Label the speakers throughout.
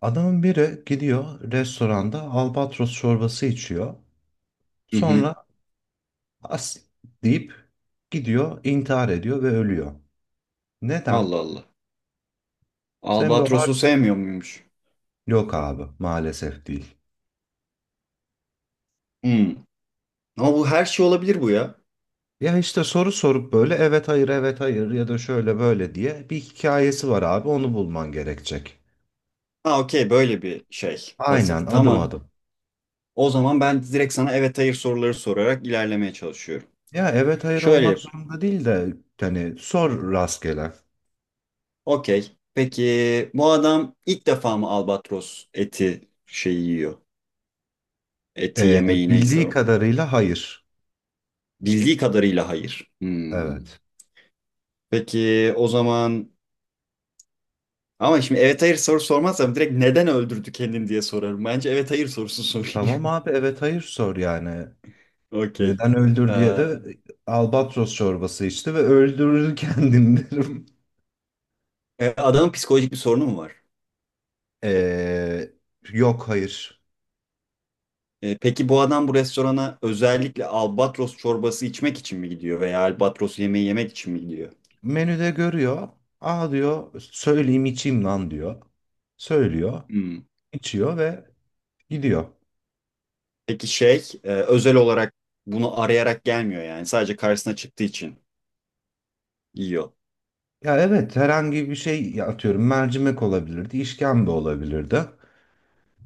Speaker 1: Adamın biri gidiyor restoranda albatros çorbası içiyor.
Speaker 2: Hı hı.
Speaker 1: Sonra as deyip gidiyor, intihar ediyor ve ölüyor. Neden?
Speaker 2: Allah Allah.
Speaker 1: Sen bu har
Speaker 2: Albatros'u sevmiyor muymuş?
Speaker 1: yok abi maalesef değil.
Speaker 2: Hmm. Ama bu her şey olabilir bu ya.
Speaker 1: Ya işte soru sorup böyle evet hayır evet hayır ya da şöyle böyle diye bir hikayesi var abi onu bulman gerekecek.
Speaker 2: Ha okey böyle bir şey. Puzzle.
Speaker 1: Aynen adım
Speaker 2: Tamam.
Speaker 1: adım.
Speaker 2: O zaman ben direkt sana evet hayır soruları sorarak ilerlemeye çalışıyorum.
Speaker 1: Ya evet hayır
Speaker 2: Şöyle
Speaker 1: olmak
Speaker 2: yap.
Speaker 1: zorunda değil de hani sor rastgele.
Speaker 2: Okey. Peki bu adam ilk defa mı albatros eti şeyi yiyor? Eti
Speaker 1: Ee,
Speaker 2: yemeği neyse
Speaker 1: Bildiği
Speaker 2: o.
Speaker 1: kadarıyla hayır.
Speaker 2: Bildiği kadarıyla hayır. Hmm.
Speaker 1: Evet.
Speaker 2: Peki o zaman, ama şimdi evet hayır soru sormazsam direkt neden öldürdü kendini diye sorarım. Bence evet hayır sorusu sorayım.
Speaker 1: Tamam abi evet hayır sor yani.
Speaker 2: Okey.
Speaker 1: Neden öldür diye
Speaker 2: Ee,
Speaker 1: de albatros çorbası içti ve öldürür kendini derim.
Speaker 2: adamın psikolojik bir sorunu mu var?
Speaker 1: Ee, Yok hayır.
Speaker 2: Peki bu adam bu restorana özellikle albatros çorbası içmek için mi gidiyor veya albatros yemeği yemek için mi gidiyor?
Speaker 1: Menüde görüyor. Aa diyor söyleyeyim içeyim lan diyor. Söylüyor,
Speaker 2: Hmm.
Speaker 1: içiyor ve gidiyor.
Speaker 2: Peki şey özel olarak bunu arayarak gelmiyor yani, sadece karşısına çıktığı için yiyor.
Speaker 1: Ya evet herhangi bir şey ya atıyorum mercimek olabilirdi, işkembe olabilirdi.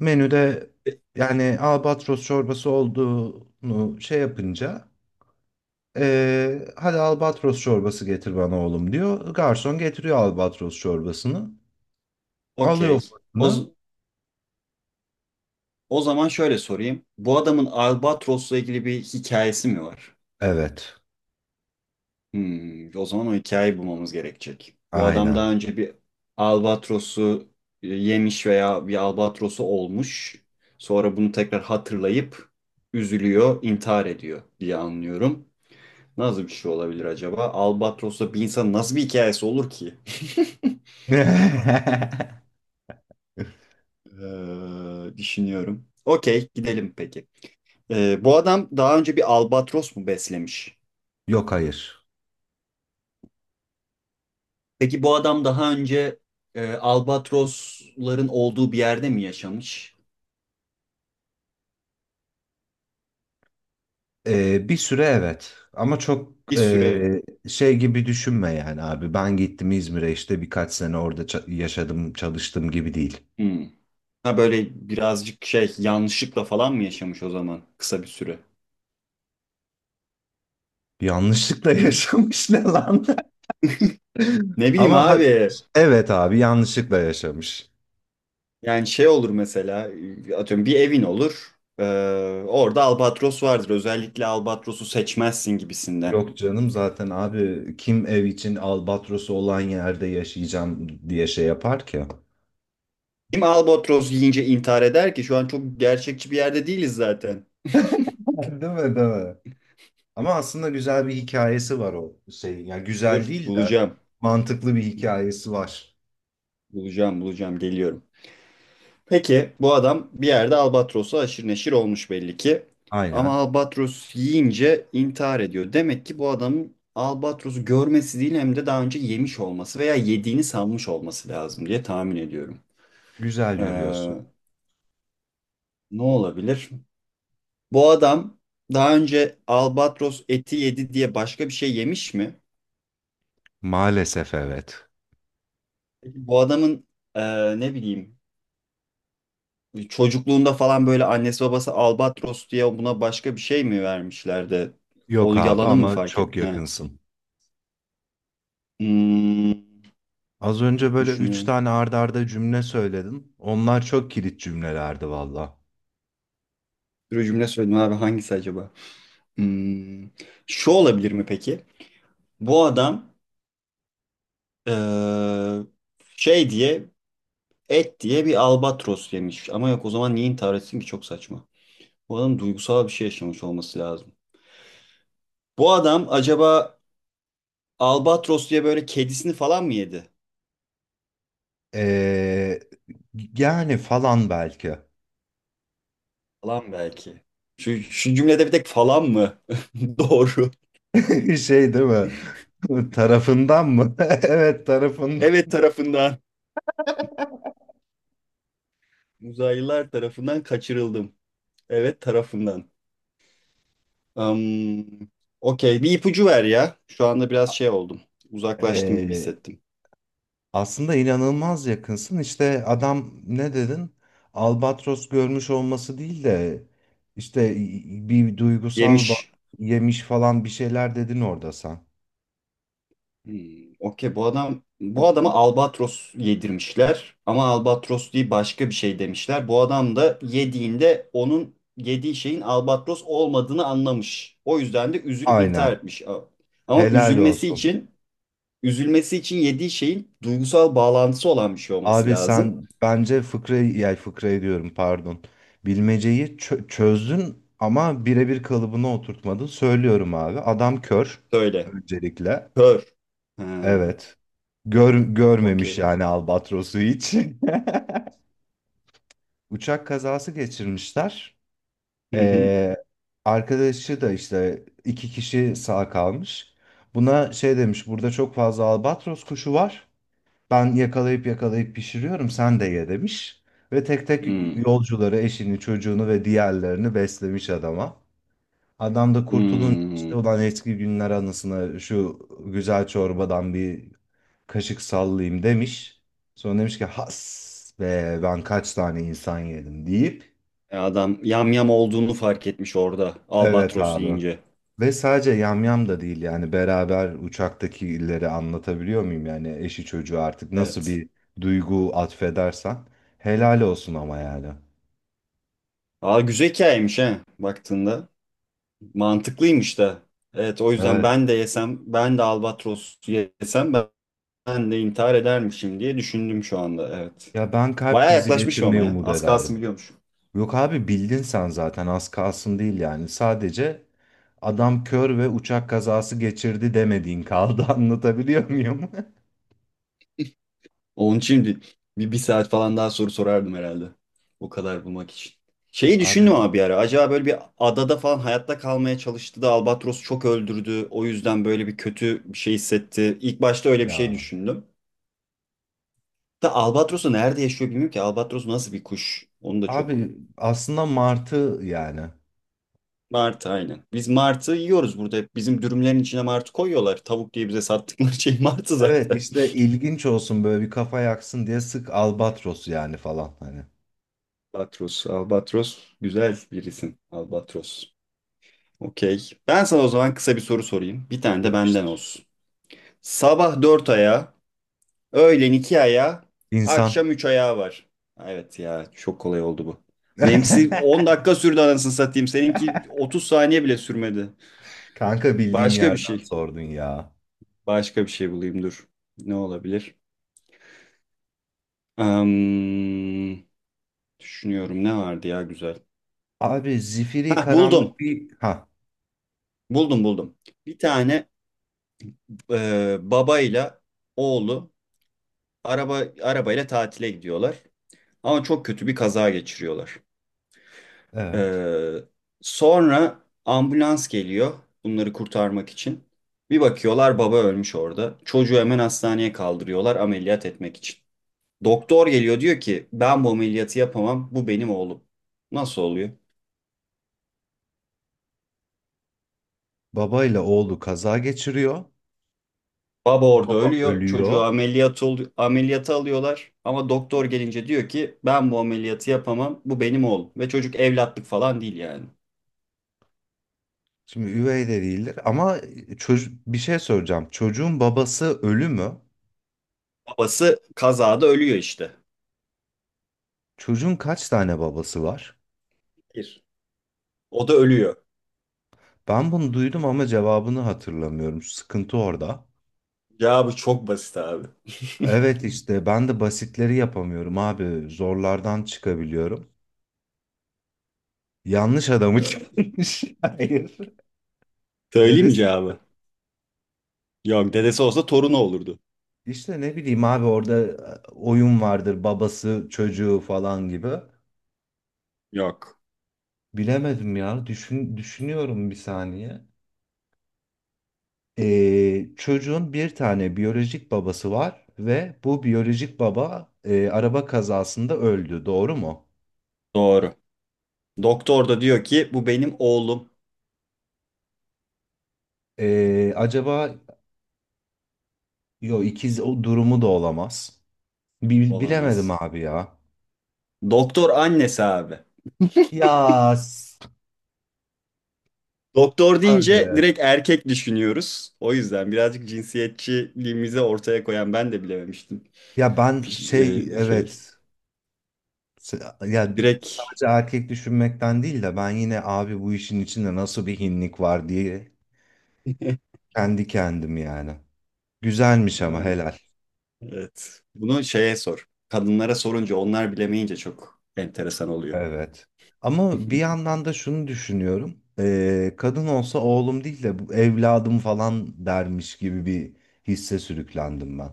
Speaker 1: Menüde
Speaker 2: E,
Speaker 1: yani albatros çorbası olduğunu şey yapınca hadi albatros çorbası getir bana oğlum diyor. Garson getiriyor albatros çorbasını.
Speaker 2: Okey.
Speaker 1: Alıyor
Speaker 2: O,
Speaker 1: fırını.
Speaker 2: z- o zaman şöyle sorayım. Bu adamın albatrosla ilgili bir hikayesi mi var?
Speaker 1: Evet.
Speaker 2: O zaman o hikayeyi bulmamız gerekecek. Bu adam
Speaker 1: Aynen.
Speaker 2: daha önce bir albatrosu yemiş veya bir albatrosu olmuş. Sonra bunu tekrar hatırlayıp üzülüyor, intihar ediyor diye anlıyorum. Nasıl bir şey olabilir acaba? Albatrosla bir insan nasıl bir hikayesi olur ki? Düşünüyorum. Okey, gidelim peki. Bu adam daha önce bir albatros mu beslemiş?
Speaker 1: Yok hayır.
Speaker 2: Peki bu adam daha önce albatrosların olduğu bir yerde mi yaşamış?
Speaker 1: Bir süre evet. Ama çok
Speaker 2: Bir süre.
Speaker 1: şey gibi düşünme yani abi. Ben gittim İzmir'e işte birkaç sene orada yaşadım çalıştım gibi değil.
Speaker 2: Hmm. Ha böyle birazcık şey, yanlışlıkla falan mı yaşamış o zaman kısa bir süre?
Speaker 1: Yanlışlıkla yaşamış ne lan?
Speaker 2: Ne bileyim
Speaker 1: Ama
Speaker 2: abi.
Speaker 1: evet abi yanlışlıkla yaşamış.
Speaker 2: Yani şey olur mesela, atıyorum bir evin olur. Orada albatros vardır. Özellikle albatrosu seçmezsin gibisinden.
Speaker 1: Yok canım zaten abi kim ev için albatrosu olan yerde yaşayacağım diye şey yapar ki.
Speaker 2: Kim albatros yiyince intihar eder ki? Şu an çok gerçekçi bir yerde değiliz zaten.
Speaker 1: Değil mi, değil mi? Ama aslında güzel bir hikayesi var o şeyin. Yani güzel
Speaker 2: Dur
Speaker 1: değil de
Speaker 2: bulacağım.
Speaker 1: mantıklı bir hikayesi var.
Speaker 2: Bulacağım bulacağım geliyorum. Peki bu adam bir yerde albatrosu aşırı neşir olmuş belli ki. Ama
Speaker 1: Aynen.
Speaker 2: albatros yiyince intihar ediyor. Demek ki bu adamın albatrosu görmesi değil, hem de daha önce yemiş olması veya yediğini sanmış olması lazım diye tahmin ediyorum.
Speaker 1: Güzel yürüyorsun.
Speaker 2: Ee, ne olabilir? Bu adam daha önce albatros eti yedi diye başka bir şey yemiş mi?
Speaker 1: Maalesef evet.
Speaker 2: Peki bu adamın ne bileyim, çocukluğunda falan böyle annesi babası Albatros diye buna başka bir şey mi vermişler de
Speaker 1: Yok
Speaker 2: onu,
Speaker 1: abi
Speaker 2: yalanı mı
Speaker 1: ama
Speaker 2: fark
Speaker 1: çok
Speaker 2: etmiş? He.
Speaker 1: yakınsın.
Speaker 2: Hmm,
Speaker 1: Az önce böyle üç
Speaker 2: düşünüyorum.
Speaker 1: tane arda arda cümle söyledim. Onlar çok kilit cümlelerdi valla.
Speaker 2: Bir cümle söyledim abi, hangisi acaba? Hmm, şu olabilir mi peki? Bu adam eee, şey diye, et diye bir albatros yemiş. Ama yok, o zaman niye intihar etsin ki, çok saçma. Bu adam duygusal bir şey yaşamış olması lazım. Bu adam acaba albatros diye böyle kedisini falan mı yedi?
Speaker 1: Ee, yani falan belki.
Speaker 2: Falan belki. Şu cümlede bir tek falan mı? Doğru.
Speaker 1: Şey değil mi? Tarafından mı? Evet tarafından.
Speaker 2: Evet, tarafından. Uzaylılar tarafından kaçırıldım. Evet tarafından. Am, okey bir ipucu ver ya. Şu anda biraz şey oldum. Uzaklaştım gibi
Speaker 1: Ee,
Speaker 2: hissettim.
Speaker 1: aslında inanılmaz yakınsın. İşte adam ne dedin? Albatros görmüş olması değil de işte bir duygusal bağ
Speaker 2: Yemiş.
Speaker 1: yemiş falan bir şeyler dedin orada sen.
Speaker 2: Okey, bu adam, bu adama albatros yedirmişler ama albatros değil başka bir şey demişler. Bu adam da yediğinde onun yediği şeyin albatros olmadığını anlamış. O yüzden de üzülüp intihar
Speaker 1: Aynen.
Speaker 2: etmiş. Ama
Speaker 1: Helal
Speaker 2: üzülmesi
Speaker 1: olsun.
Speaker 2: için üzülmesi için yediği şeyin duygusal bağlantısı olan bir şey olması
Speaker 1: Abi
Speaker 2: lazım.
Speaker 1: sen bence fıkrayı, yani fıkrayı diyorum pardon. Bilmeceyi çözdün ama birebir kalıbına oturtmadın. Söylüyorum abi. Adam kör
Speaker 2: Söyle.
Speaker 1: öncelikle.
Speaker 2: Kör. Ha,
Speaker 1: Evet. Görmemiş
Speaker 2: okey.
Speaker 1: yani albatrosu hiç. Uçak kazası geçirmişler.
Speaker 2: Hı hı.
Speaker 1: Ee, arkadaşı da işte iki kişi sağ kalmış. Buna şey demiş, burada çok fazla albatros kuşu var. Ben yakalayıp yakalayıp pişiriyorum, sen de ye demiş. Ve tek tek
Speaker 2: Hmm,
Speaker 1: yolcuları, eşini, çocuğunu ve diğerlerini beslemiş adama. Adam da kurtulun işte
Speaker 2: hmm.
Speaker 1: ulan eski günler anısına şu güzel çorbadan bir kaşık sallayayım demiş. Sonra demiş ki has be ben kaç tane insan yedim deyip
Speaker 2: Adam yamyam olduğunu fark etmiş orada,
Speaker 1: evet
Speaker 2: albatros
Speaker 1: abi.
Speaker 2: yiyince.
Speaker 1: Ve sadece yamyam da değil yani beraber uçaktakileri anlatabiliyor muyum yani eşi çocuğu artık nasıl
Speaker 2: Evet.
Speaker 1: bir duygu atfedersen helal olsun ama yani.
Speaker 2: Aa, güzel hikayeymiş he, baktığında. Mantıklıymış da. Evet, o yüzden
Speaker 1: Evet.
Speaker 2: ben de yesem, ben de albatros yesem ben de intihar edermişim diye düşündüm şu anda. Evet.
Speaker 1: Ya ben kalp
Speaker 2: Baya
Speaker 1: krizi
Speaker 2: yaklaşmışım ama
Speaker 1: geçirmeyi
Speaker 2: ya.
Speaker 1: umut
Speaker 2: Az
Speaker 1: ederdim.
Speaker 2: kalsın biliyormuşum.
Speaker 1: Yok abi bildin sen zaten az kalsın değil yani. Sadece adam kör ve uçak kazası geçirdi demediğin kaldı anlatabiliyor muyum?
Speaker 2: Onun için bir saat falan daha soru sorardım herhalde. O kadar bulmak için. Şeyi düşündüm
Speaker 1: Abi
Speaker 2: ama bir ara. Acaba böyle bir adada falan hayatta kalmaya çalıştı da albatros çok öldürdü, o yüzden böyle bir kötü bir şey hissetti. İlk başta öyle bir şey
Speaker 1: ya.
Speaker 2: düşündüm. Da Albatros'u nerede yaşıyor bilmiyorum ki. Albatros nasıl bir kuş? Onu da çok.
Speaker 1: Abi aslında martı yani.
Speaker 2: Martı, aynen. Biz martı yiyoruz burada. Hep bizim dürümlerin içine martı koyuyorlar. Tavuk diye bize sattıkları şey martı
Speaker 1: Evet
Speaker 2: zaten.
Speaker 1: işte ilginç olsun böyle bir kafa yaksın diye sık albatros yani falan hani.
Speaker 2: Albatros. Albatros güzel bir isim. Albatros. Okey. Ben sana o zaman kısa bir soru sorayım. Bir tane de benden
Speaker 1: Yapıştır.
Speaker 2: olsun. Sabah dört ayağı, öğlen iki ayağı,
Speaker 1: İnsan.
Speaker 2: akşam üç ayağı var. Evet ya, çok kolay oldu bu. Benimkisi 10 dakika sürdü anasını satayım. Seninki 30 saniye bile sürmedi.
Speaker 1: Kanka bildiğim
Speaker 2: Başka bir
Speaker 1: yerden
Speaker 2: şey.
Speaker 1: sordun ya.
Speaker 2: Başka bir şey bulayım dur. Ne olabilir? Am, düşünüyorum ne vardı ya güzel.
Speaker 1: Abi zifiri
Speaker 2: Ha, buldum.
Speaker 1: karanlık bir... Ha
Speaker 2: Buldum buldum. Bir tane babayla oğlu arabayla tatile gidiyorlar. Ama çok kötü bir kaza geçiriyorlar.
Speaker 1: evet.
Speaker 2: E, sonra ambulans geliyor bunları kurtarmak için. Bir bakıyorlar, baba ölmüş orada. Çocuğu hemen hastaneye kaldırıyorlar ameliyat etmek için. Doktor geliyor, diyor ki ben bu ameliyatı yapamam, bu benim oğlum. Nasıl oluyor?
Speaker 1: Baba ile oğlu kaza geçiriyor.
Speaker 2: Baba orada
Speaker 1: Baba
Speaker 2: ölüyor,
Speaker 1: ölüyor.
Speaker 2: çocuğu ameliyat oluyor, ameliyata alıyorlar ama doktor gelince diyor ki ben bu ameliyatı yapamam, bu benim oğlum. Ve çocuk evlatlık falan değil yani.
Speaker 1: Şimdi üvey de değildir ama çocuk bir şey soracağım. Çocuğun babası ölü mü?
Speaker 2: Babası kazada ölüyor işte.
Speaker 1: Çocuğun kaç tane babası var?
Speaker 2: Bir. O da ölüyor.
Speaker 1: Ben bunu duydum ama cevabını hatırlamıyorum. Sıkıntı orada.
Speaker 2: Cevabı çok basit abi.
Speaker 1: Evet işte ben de basitleri yapamıyorum abi. Zorlardan çıkabiliyorum. Yanlış adamı
Speaker 2: Ee,
Speaker 1: çıkmış. Hayır.
Speaker 2: söyleyeyim mi
Speaker 1: Dedesi mi?
Speaker 2: cevabı? Yok, dedesi olsa torunu olurdu.
Speaker 1: İşte ne bileyim abi orada oyun vardır babası çocuğu falan gibi.
Speaker 2: Yok.
Speaker 1: Bilemedim ya. Düşünüyorum bir saniye. Çocuğun bir tane biyolojik babası var ve bu biyolojik baba araba kazasında öldü. Doğru mu?
Speaker 2: Doğru. Doktor da diyor ki bu benim oğlum.
Speaker 1: Acaba Yo ikiz o durumu da olamaz. Bilemedim
Speaker 2: Olamaz.
Speaker 1: abi ya.
Speaker 2: Doktor annesi abi.
Speaker 1: Ya s-
Speaker 2: Doktor
Speaker 1: abi.
Speaker 2: deyince direkt erkek düşünüyoruz. O yüzden birazcık cinsiyetçiliğimizi ortaya koyan ben de bilememiştim.
Speaker 1: Ya ben
Speaker 2: Piş-
Speaker 1: şey
Speaker 2: Şey,
Speaker 1: evet S- ya
Speaker 2: direkt
Speaker 1: sadece erkek düşünmekten değil de ben yine abi bu işin içinde nasıl bir hinlik var diye kendi kendim yani. Güzelmiş ama
Speaker 2: yani,
Speaker 1: helal.
Speaker 2: evet. Bunu şeye sor. Kadınlara sorunca, onlar bilemeyince çok enteresan oluyor.
Speaker 1: Evet. Ama bir yandan da şunu düşünüyorum. Kadın olsa oğlum değil de bu evladım falan dermiş gibi bir hisse sürüklendim ben.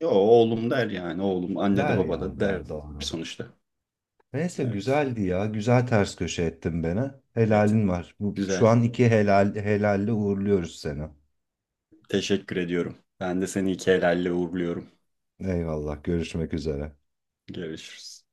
Speaker 2: Yo, oğlum der yani. Oğlum anne de
Speaker 1: Der
Speaker 2: baba
Speaker 1: ya
Speaker 2: da der
Speaker 1: der doğru.
Speaker 2: sonuçta.
Speaker 1: Neyse
Speaker 2: Evet.
Speaker 1: güzeldi ya. Güzel ters köşe ettin beni.
Speaker 2: Evet.
Speaker 1: Helalin var. Bu, şu
Speaker 2: Güzel.
Speaker 1: an iki helal, helalle uğurluyoruz seni.
Speaker 2: Teşekkür ediyorum. Ben de seni iki helalle uğurluyorum.
Speaker 1: Eyvallah. Görüşmek üzere.
Speaker 2: Görüşürüz.